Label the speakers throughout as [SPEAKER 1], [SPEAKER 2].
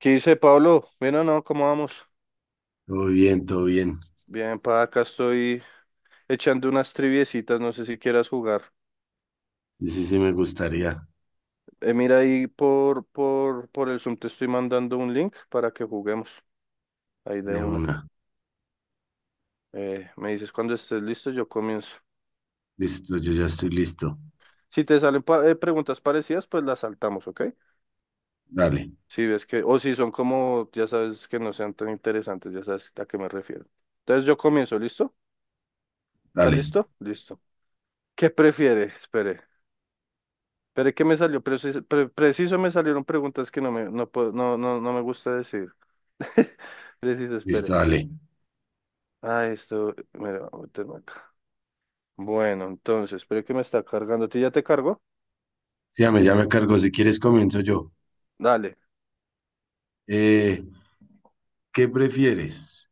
[SPEAKER 1] ¿Qué dice Pablo? Bueno, no, ¿cómo vamos?
[SPEAKER 2] Todo bien, todo bien.
[SPEAKER 1] Bien, pa, acá estoy echando unas triviecitas, no sé si quieras jugar.
[SPEAKER 2] Sí, sí, sí, me gustaría
[SPEAKER 1] Mira ahí por el Zoom te estoy mandando un link para que juguemos, ahí de
[SPEAKER 2] de
[SPEAKER 1] una.
[SPEAKER 2] una.
[SPEAKER 1] Me dices cuando estés listo, yo comienzo.
[SPEAKER 2] Listo, yo ya estoy listo.
[SPEAKER 1] Si te salen preguntas parecidas, pues las saltamos, ¿ok?
[SPEAKER 2] Dale,
[SPEAKER 1] Si ves que, o si son como, ya sabes que no sean tan interesantes, ya sabes a qué me refiero. Entonces yo comienzo, ¿listo? ¿Estás
[SPEAKER 2] dale,
[SPEAKER 1] listo? Listo. ¿Qué prefiere? Espere. Pero es que me salió, preciso, preciso me salieron preguntas que no me, no, no, no me gusta decir. Preciso, espere.
[SPEAKER 2] listo, dale.
[SPEAKER 1] Ah, esto, mira, voy a meterme acá. Bueno, entonces, espere que me está cargando. ¿Tú ya te cargo?
[SPEAKER 2] Sí, ya me cargo. Si quieres, comienzo yo.
[SPEAKER 1] Dale.
[SPEAKER 2] Eh, ¿Qué prefieres?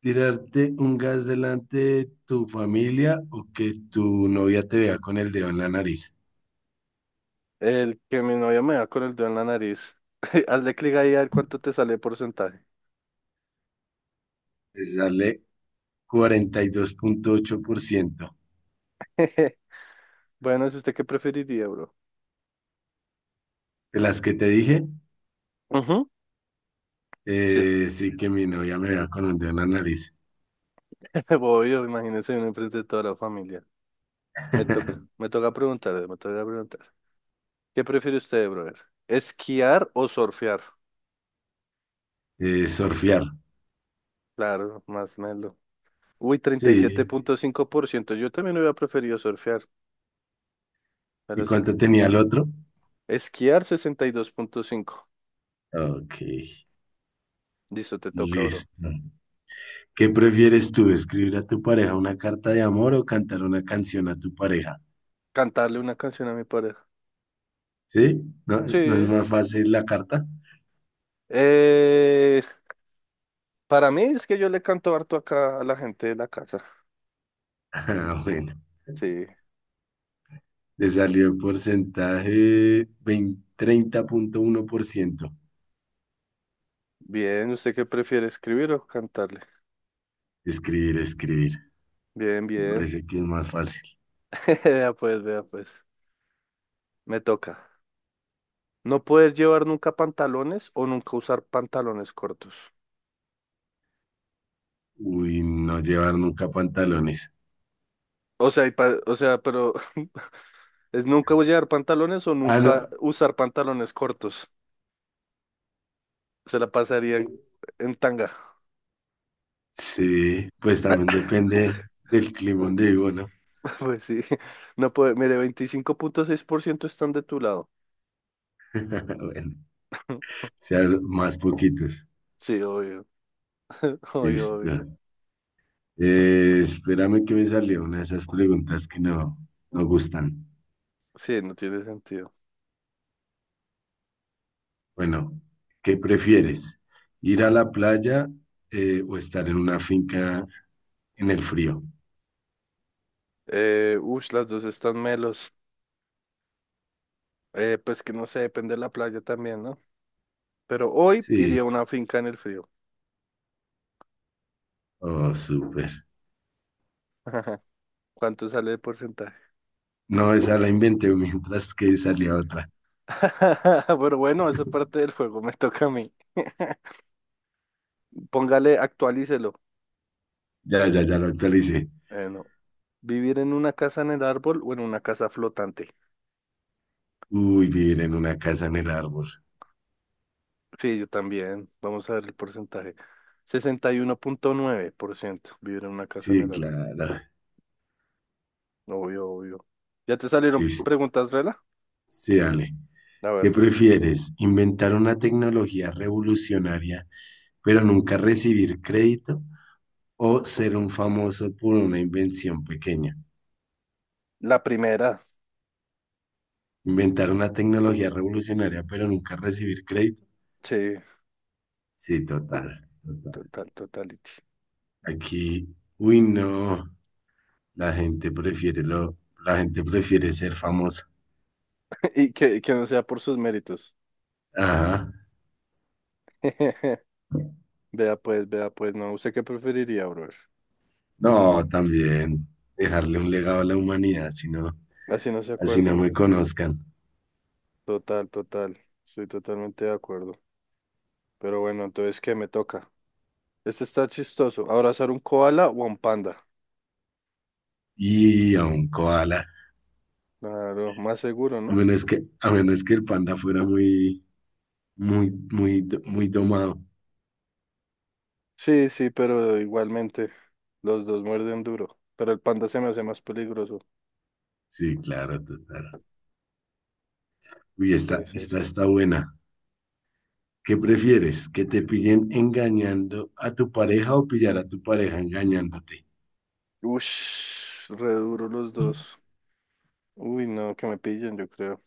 [SPEAKER 2] ¿Tirarte un gas delante de tu familia o que tu novia te vea con el dedo en la nariz?
[SPEAKER 1] El que mi novia me da con el dedo en la nariz. Hazle clic ahí a ver cuánto te sale el porcentaje.
[SPEAKER 2] Te sale 42,8%.
[SPEAKER 1] Bueno, ¿es usted qué preferiría, bro?
[SPEAKER 2] De las que te dije,
[SPEAKER 1] Ujú. Sí.
[SPEAKER 2] sí que mi novia me vea con un dedo en la nariz.
[SPEAKER 1] Obvio, imagínese uno enfrente de toda la familia. Me toca preguntarle, me toca preguntar. ¿Qué prefiere usted, brother? ¿Esquiar o surfear?
[SPEAKER 2] Surfear.
[SPEAKER 1] Claro, más melo. Uy, treinta y siete
[SPEAKER 2] Sí.
[SPEAKER 1] punto cinco por ciento Yo también hubiera preferido surfear,
[SPEAKER 2] ¿Y
[SPEAKER 1] pero es el
[SPEAKER 2] cuánto tenía el otro?
[SPEAKER 1] esquiar 62,5.
[SPEAKER 2] Ok,
[SPEAKER 1] Listo, te toca, bro.
[SPEAKER 2] listo. ¿Qué prefieres tú, escribir a tu pareja una carta de amor o cantar una canción a tu pareja?
[SPEAKER 1] Cantarle una canción a mi pareja.
[SPEAKER 2] ¿Sí? ¿No, no es
[SPEAKER 1] Sí.
[SPEAKER 2] más fácil la carta?
[SPEAKER 1] Eh, para mí es que yo le canto harto acá a la gente de la casa.
[SPEAKER 2] Ah, bueno,
[SPEAKER 1] Sí.
[SPEAKER 2] le salió porcentaje veinte 30,1%.
[SPEAKER 1] Bien, ¿usted qué prefiere, escribir o cantarle?
[SPEAKER 2] Escribir, escribir.
[SPEAKER 1] Bien,
[SPEAKER 2] Me
[SPEAKER 1] bien.
[SPEAKER 2] parece que es más fácil.
[SPEAKER 1] Vea pues, vea pues. Me toca. No poder llevar nunca pantalones o nunca usar pantalones cortos.
[SPEAKER 2] Uy, no llevar nunca pantalones.
[SPEAKER 1] O sea, y o sea, pero es nunca llevar pantalones o
[SPEAKER 2] Ah, no.
[SPEAKER 1] nunca usar pantalones cortos. Se la pasarían en tanga.
[SPEAKER 2] Sí, pues también depende del clima donde vivo, ¿no?
[SPEAKER 1] Pues sí. No puede. Mire, 25,6% están de tu lado.
[SPEAKER 2] Bueno, sean más poquitos.
[SPEAKER 1] Sí, obvio. Obvio,
[SPEAKER 2] Listo.
[SPEAKER 1] obvio.
[SPEAKER 2] Espérame que me salió una de esas preguntas que no gustan.
[SPEAKER 1] Sí, no tiene sentido.
[SPEAKER 2] Bueno, ¿qué prefieres? ¿Ir a la playa o estar en una finca en el frío?
[SPEAKER 1] Ush, las dos están melos. Pues que no sé, depende de la playa también, ¿no? Pero hoy
[SPEAKER 2] Sí,
[SPEAKER 1] iría a una finca en el frío.
[SPEAKER 2] oh, súper.
[SPEAKER 1] ¿Cuánto sale el porcentaje?
[SPEAKER 2] No, esa la inventé mientras que salía otra.
[SPEAKER 1] Pero bueno, eso es parte del juego, me toca a mí. Póngale, actualícelo.
[SPEAKER 2] Ya, ya, ya lo actualicé.
[SPEAKER 1] Bueno, vivir en una casa en el árbol o en una casa flotante.
[SPEAKER 2] Uy, vivir en una casa en el árbol.
[SPEAKER 1] Sí, yo también. Vamos a ver el porcentaje. 61,9% vivir en una casa en
[SPEAKER 2] Sí,
[SPEAKER 1] el árbol.
[SPEAKER 2] claro.
[SPEAKER 1] Obvio, obvio. ¿Ya te salieron
[SPEAKER 2] Listo.
[SPEAKER 1] preguntas, Rela?
[SPEAKER 2] Sí, dale.
[SPEAKER 1] A ver,
[SPEAKER 2] ¿Qué prefieres? ¿Inventar una tecnología revolucionaria pero nunca recibir crédito o ser un famoso por una invención pequeña?
[SPEAKER 1] la primera.
[SPEAKER 2] Inventar una tecnología revolucionaria, pero nunca recibir crédito.
[SPEAKER 1] Sí,
[SPEAKER 2] Sí, total, total.
[SPEAKER 1] total, totality.
[SPEAKER 2] Aquí, uy, no, la gente prefiere lo, la gente prefiere ser famosa.
[SPEAKER 1] Y que no sea por sus méritos.
[SPEAKER 2] Ajá.
[SPEAKER 1] Vea pues, no. ¿Usted qué preferiría, brother?
[SPEAKER 2] No, también dejarle un legado a la humanidad, si no,
[SPEAKER 1] Así no se
[SPEAKER 2] así no
[SPEAKER 1] acuerdan.
[SPEAKER 2] me conozcan.
[SPEAKER 1] Total, total. Estoy totalmente de acuerdo. Pero bueno, entonces, ¿qué me toca? Este está chistoso. ¿Abrazar un koala o un panda?
[SPEAKER 2] Y a un koala,
[SPEAKER 1] Claro, más seguro,
[SPEAKER 2] a
[SPEAKER 1] ¿no?
[SPEAKER 2] menos que, a menos que el panda fuera muy, muy, muy, muy domado.
[SPEAKER 1] Sí, sí, pero igualmente los dos muerden duro. Pero el panda se me hace más peligroso.
[SPEAKER 2] Sí, claro, total. Uy,
[SPEAKER 1] Sí,
[SPEAKER 2] esta,
[SPEAKER 1] sí,
[SPEAKER 2] esta
[SPEAKER 1] sí.
[SPEAKER 2] está buena. ¿Qué prefieres? ¿Que te pillen engañando a tu pareja o pillar a tu pareja engañándote?
[SPEAKER 1] Ush, re duro los dos. Uy, no, que me pillen, yo creo.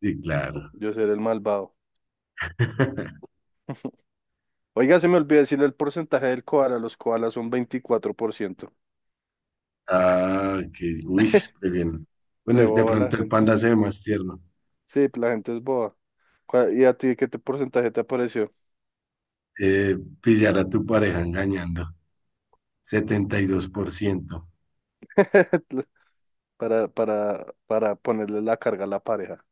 [SPEAKER 2] Sí, claro.
[SPEAKER 1] Yo seré el malvado. Oiga, se me olvidó decir el porcentaje del koala. Los koalas son 24%.
[SPEAKER 2] Ah, que, uy, qué bien. Bueno, de
[SPEAKER 1] Reboba la
[SPEAKER 2] pronto el
[SPEAKER 1] gente.
[SPEAKER 2] panda se ve más tierno.
[SPEAKER 1] Sí, la gente es boba. ¿Y a ti qué te porcentaje te apareció?
[SPEAKER 2] Pillar a tu pareja engañando. 72%.
[SPEAKER 1] Para ponerle la carga a la pareja.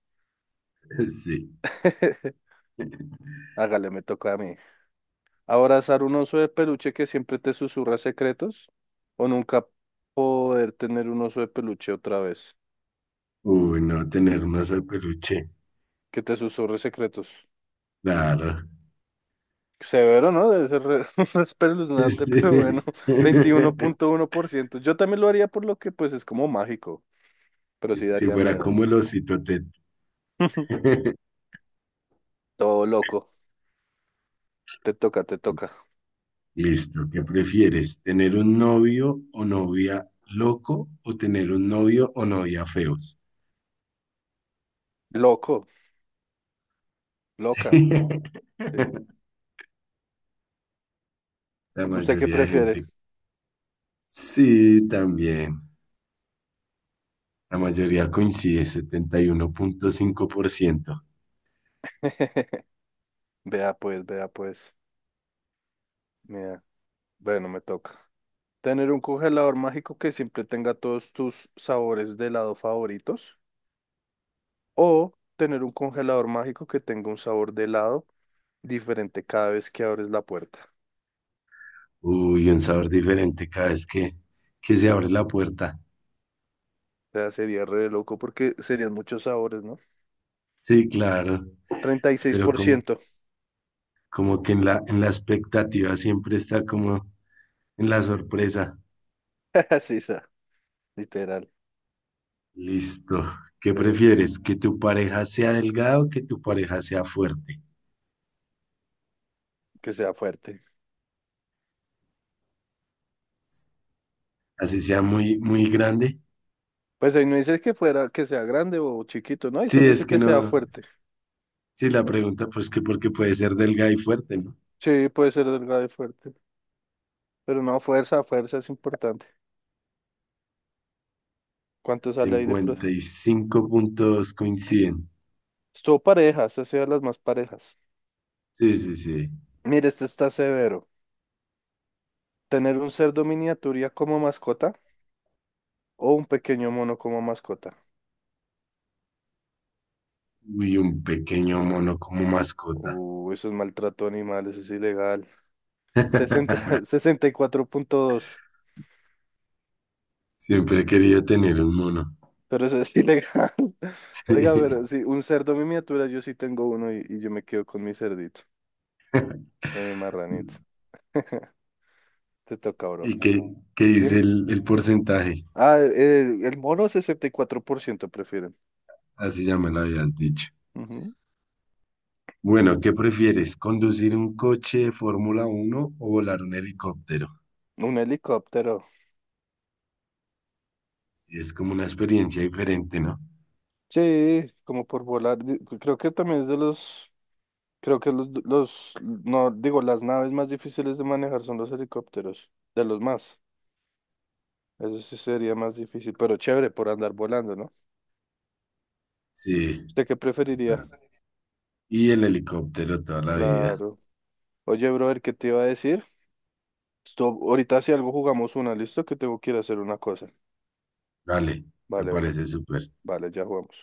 [SPEAKER 2] Sí.
[SPEAKER 1] Hágale, me toca a mí. ¿Abrazar un oso de peluche que siempre te susurra secretos? ¿O nunca poder tener un oso de peluche otra vez
[SPEAKER 2] Uy, no, tener un oso de peluche.
[SPEAKER 1] que te susurre secretos?
[SPEAKER 2] Claro.
[SPEAKER 1] Severo, ¿no? Debe ser espeluznante, pero bueno, 21,1%. Yo también lo haría por lo que pues es como mágico, pero sí
[SPEAKER 2] Si
[SPEAKER 1] daría
[SPEAKER 2] fuera
[SPEAKER 1] miedo.
[SPEAKER 2] como el osito Ted.
[SPEAKER 1] Todo loco. Te toca, te toca.
[SPEAKER 2] Listo, ¿qué prefieres? ¿Tener un novio o novia loco o tener un novio o novia feos?
[SPEAKER 1] Loco, loca. Sí.
[SPEAKER 2] La
[SPEAKER 1] ¿Usted qué
[SPEAKER 2] mayoría de
[SPEAKER 1] prefiere?
[SPEAKER 2] gente. Sí, también. La mayoría coincide, 71,5%.
[SPEAKER 1] Vea pues, vea pues. Mira. Bueno, me toca. Tener un congelador mágico que siempre tenga todos tus sabores de helado favoritos. O tener un congelador mágico que tenga un sabor de helado diferente cada vez que abres la puerta.
[SPEAKER 2] Uy, un sabor diferente cada vez que se abre la puerta.
[SPEAKER 1] O sea, sería re loco porque serían muchos sabores, ¿no?
[SPEAKER 2] Sí, claro,
[SPEAKER 1] Treinta y seis
[SPEAKER 2] pero
[SPEAKER 1] por
[SPEAKER 2] como,
[SPEAKER 1] ciento,
[SPEAKER 2] como que en la expectativa siempre está como en la sorpresa.
[SPEAKER 1] Sí, está, literal.
[SPEAKER 2] Listo. ¿Qué
[SPEAKER 1] pre-
[SPEAKER 2] prefieres? ¿Que tu pareja sea delgada o que tu pareja sea fuerte?
[SPEAKER 1] que sea fuerte.
[SPEAKER 2] Así sea muy, muy grande.
[SPEAKER 1] Pues ahí no dice que fuera, que sea grande o chiquito, ¿no? Ahí
[SPEAKER 2] Sí,
[SPEAKER 1] solo
[SPEAKER 2] es
[SPEAKER 1] dice
[SPEAKER 2] que
[SPEAKER 1] que sea
[SPEAKER 2] no.
[SPEAKER 1] fuerte,
[SPEAKER 2] Sí, la
[SPEAKER 1] ¿no?
[SPEAKER 2] pregunta, pues que porque puede ser delgada y fuerte, ¿no?
[SPEAKER 1] Sí, puede ser delgado y fuerte. Pero no, fuerza, fuerza es importante. ¿Cuánto sale ahí de pro?
[SPEAKER 2] 55 puntos coinciden.
[SPEAKER 1] Estuvo parejas, ha sido de las más parejas.
[SPEAKER 2] Sí, sí, sí.
[SPEAKER 1] Mire, este está severo. ¿Tener un cerdo miniatura como mascota o un pequeño mono como mascota?
[SPEAKER 2] Uy, un pequeño mono como mascota.
[SPEAKER 1] Eso es maltrato animal, eso es ilegal. 60, 64.2,
[SPEAKER 2] Siempre he querido tener un mono.
[SPEAKER 1] pero eso es ilegal. Oiga, pero sí, un cerdo miniatura, yo sí tengo uno y yo me quedo con mi cerdito, con mi marranito. Te toca, bro.
[SPEAKER 2] ¿Y qué
[SPEAKER 1] Dime.
[SPEAKER 2] dice el porcentaje?
[SPEAKER 1] Ah, el mono 64% prefieren.
[SPEAKER 2] Así ya me lo habías dicho.
[SPEAKER 1] Ujú.
[SPEAKER 2] Bueno, ¿qué prefieres? ¿Conducir un coche de Fórmula 1 o volar un helicóptero?
[SPEAKER 1] Un helicóptero.
[SPEAKER 2] Es como una experiencia diferente, ¿no?
[SPEAKER 1] Sí, como por volar. Pues, creo que también es de los, creo que no, digo, las naves más difíciles de manejar son los helicópteros, de los más. Eso sí sería más difícil, pero chévere por andar volando, ¿no?
[SPEAKER 2] Sí.
[SPEAKER 1] ¿Usted qué preferiría?
[SPEAKER 2] ah, Y el helicóptero toda la vida.
[SPEAKER 1] Claro. Oye, brother, ¿qué te iba a decir? Ahorita si algo jugamos una, ¿listo? Que tengo que ir a hacer una cosa.
[SPEAKER 2] Dale, me
[SPEAKER 1] Vale, bro.
[SPEAKER 2] parece súper.
[SPEAKER 1] Vale, ya jugamos.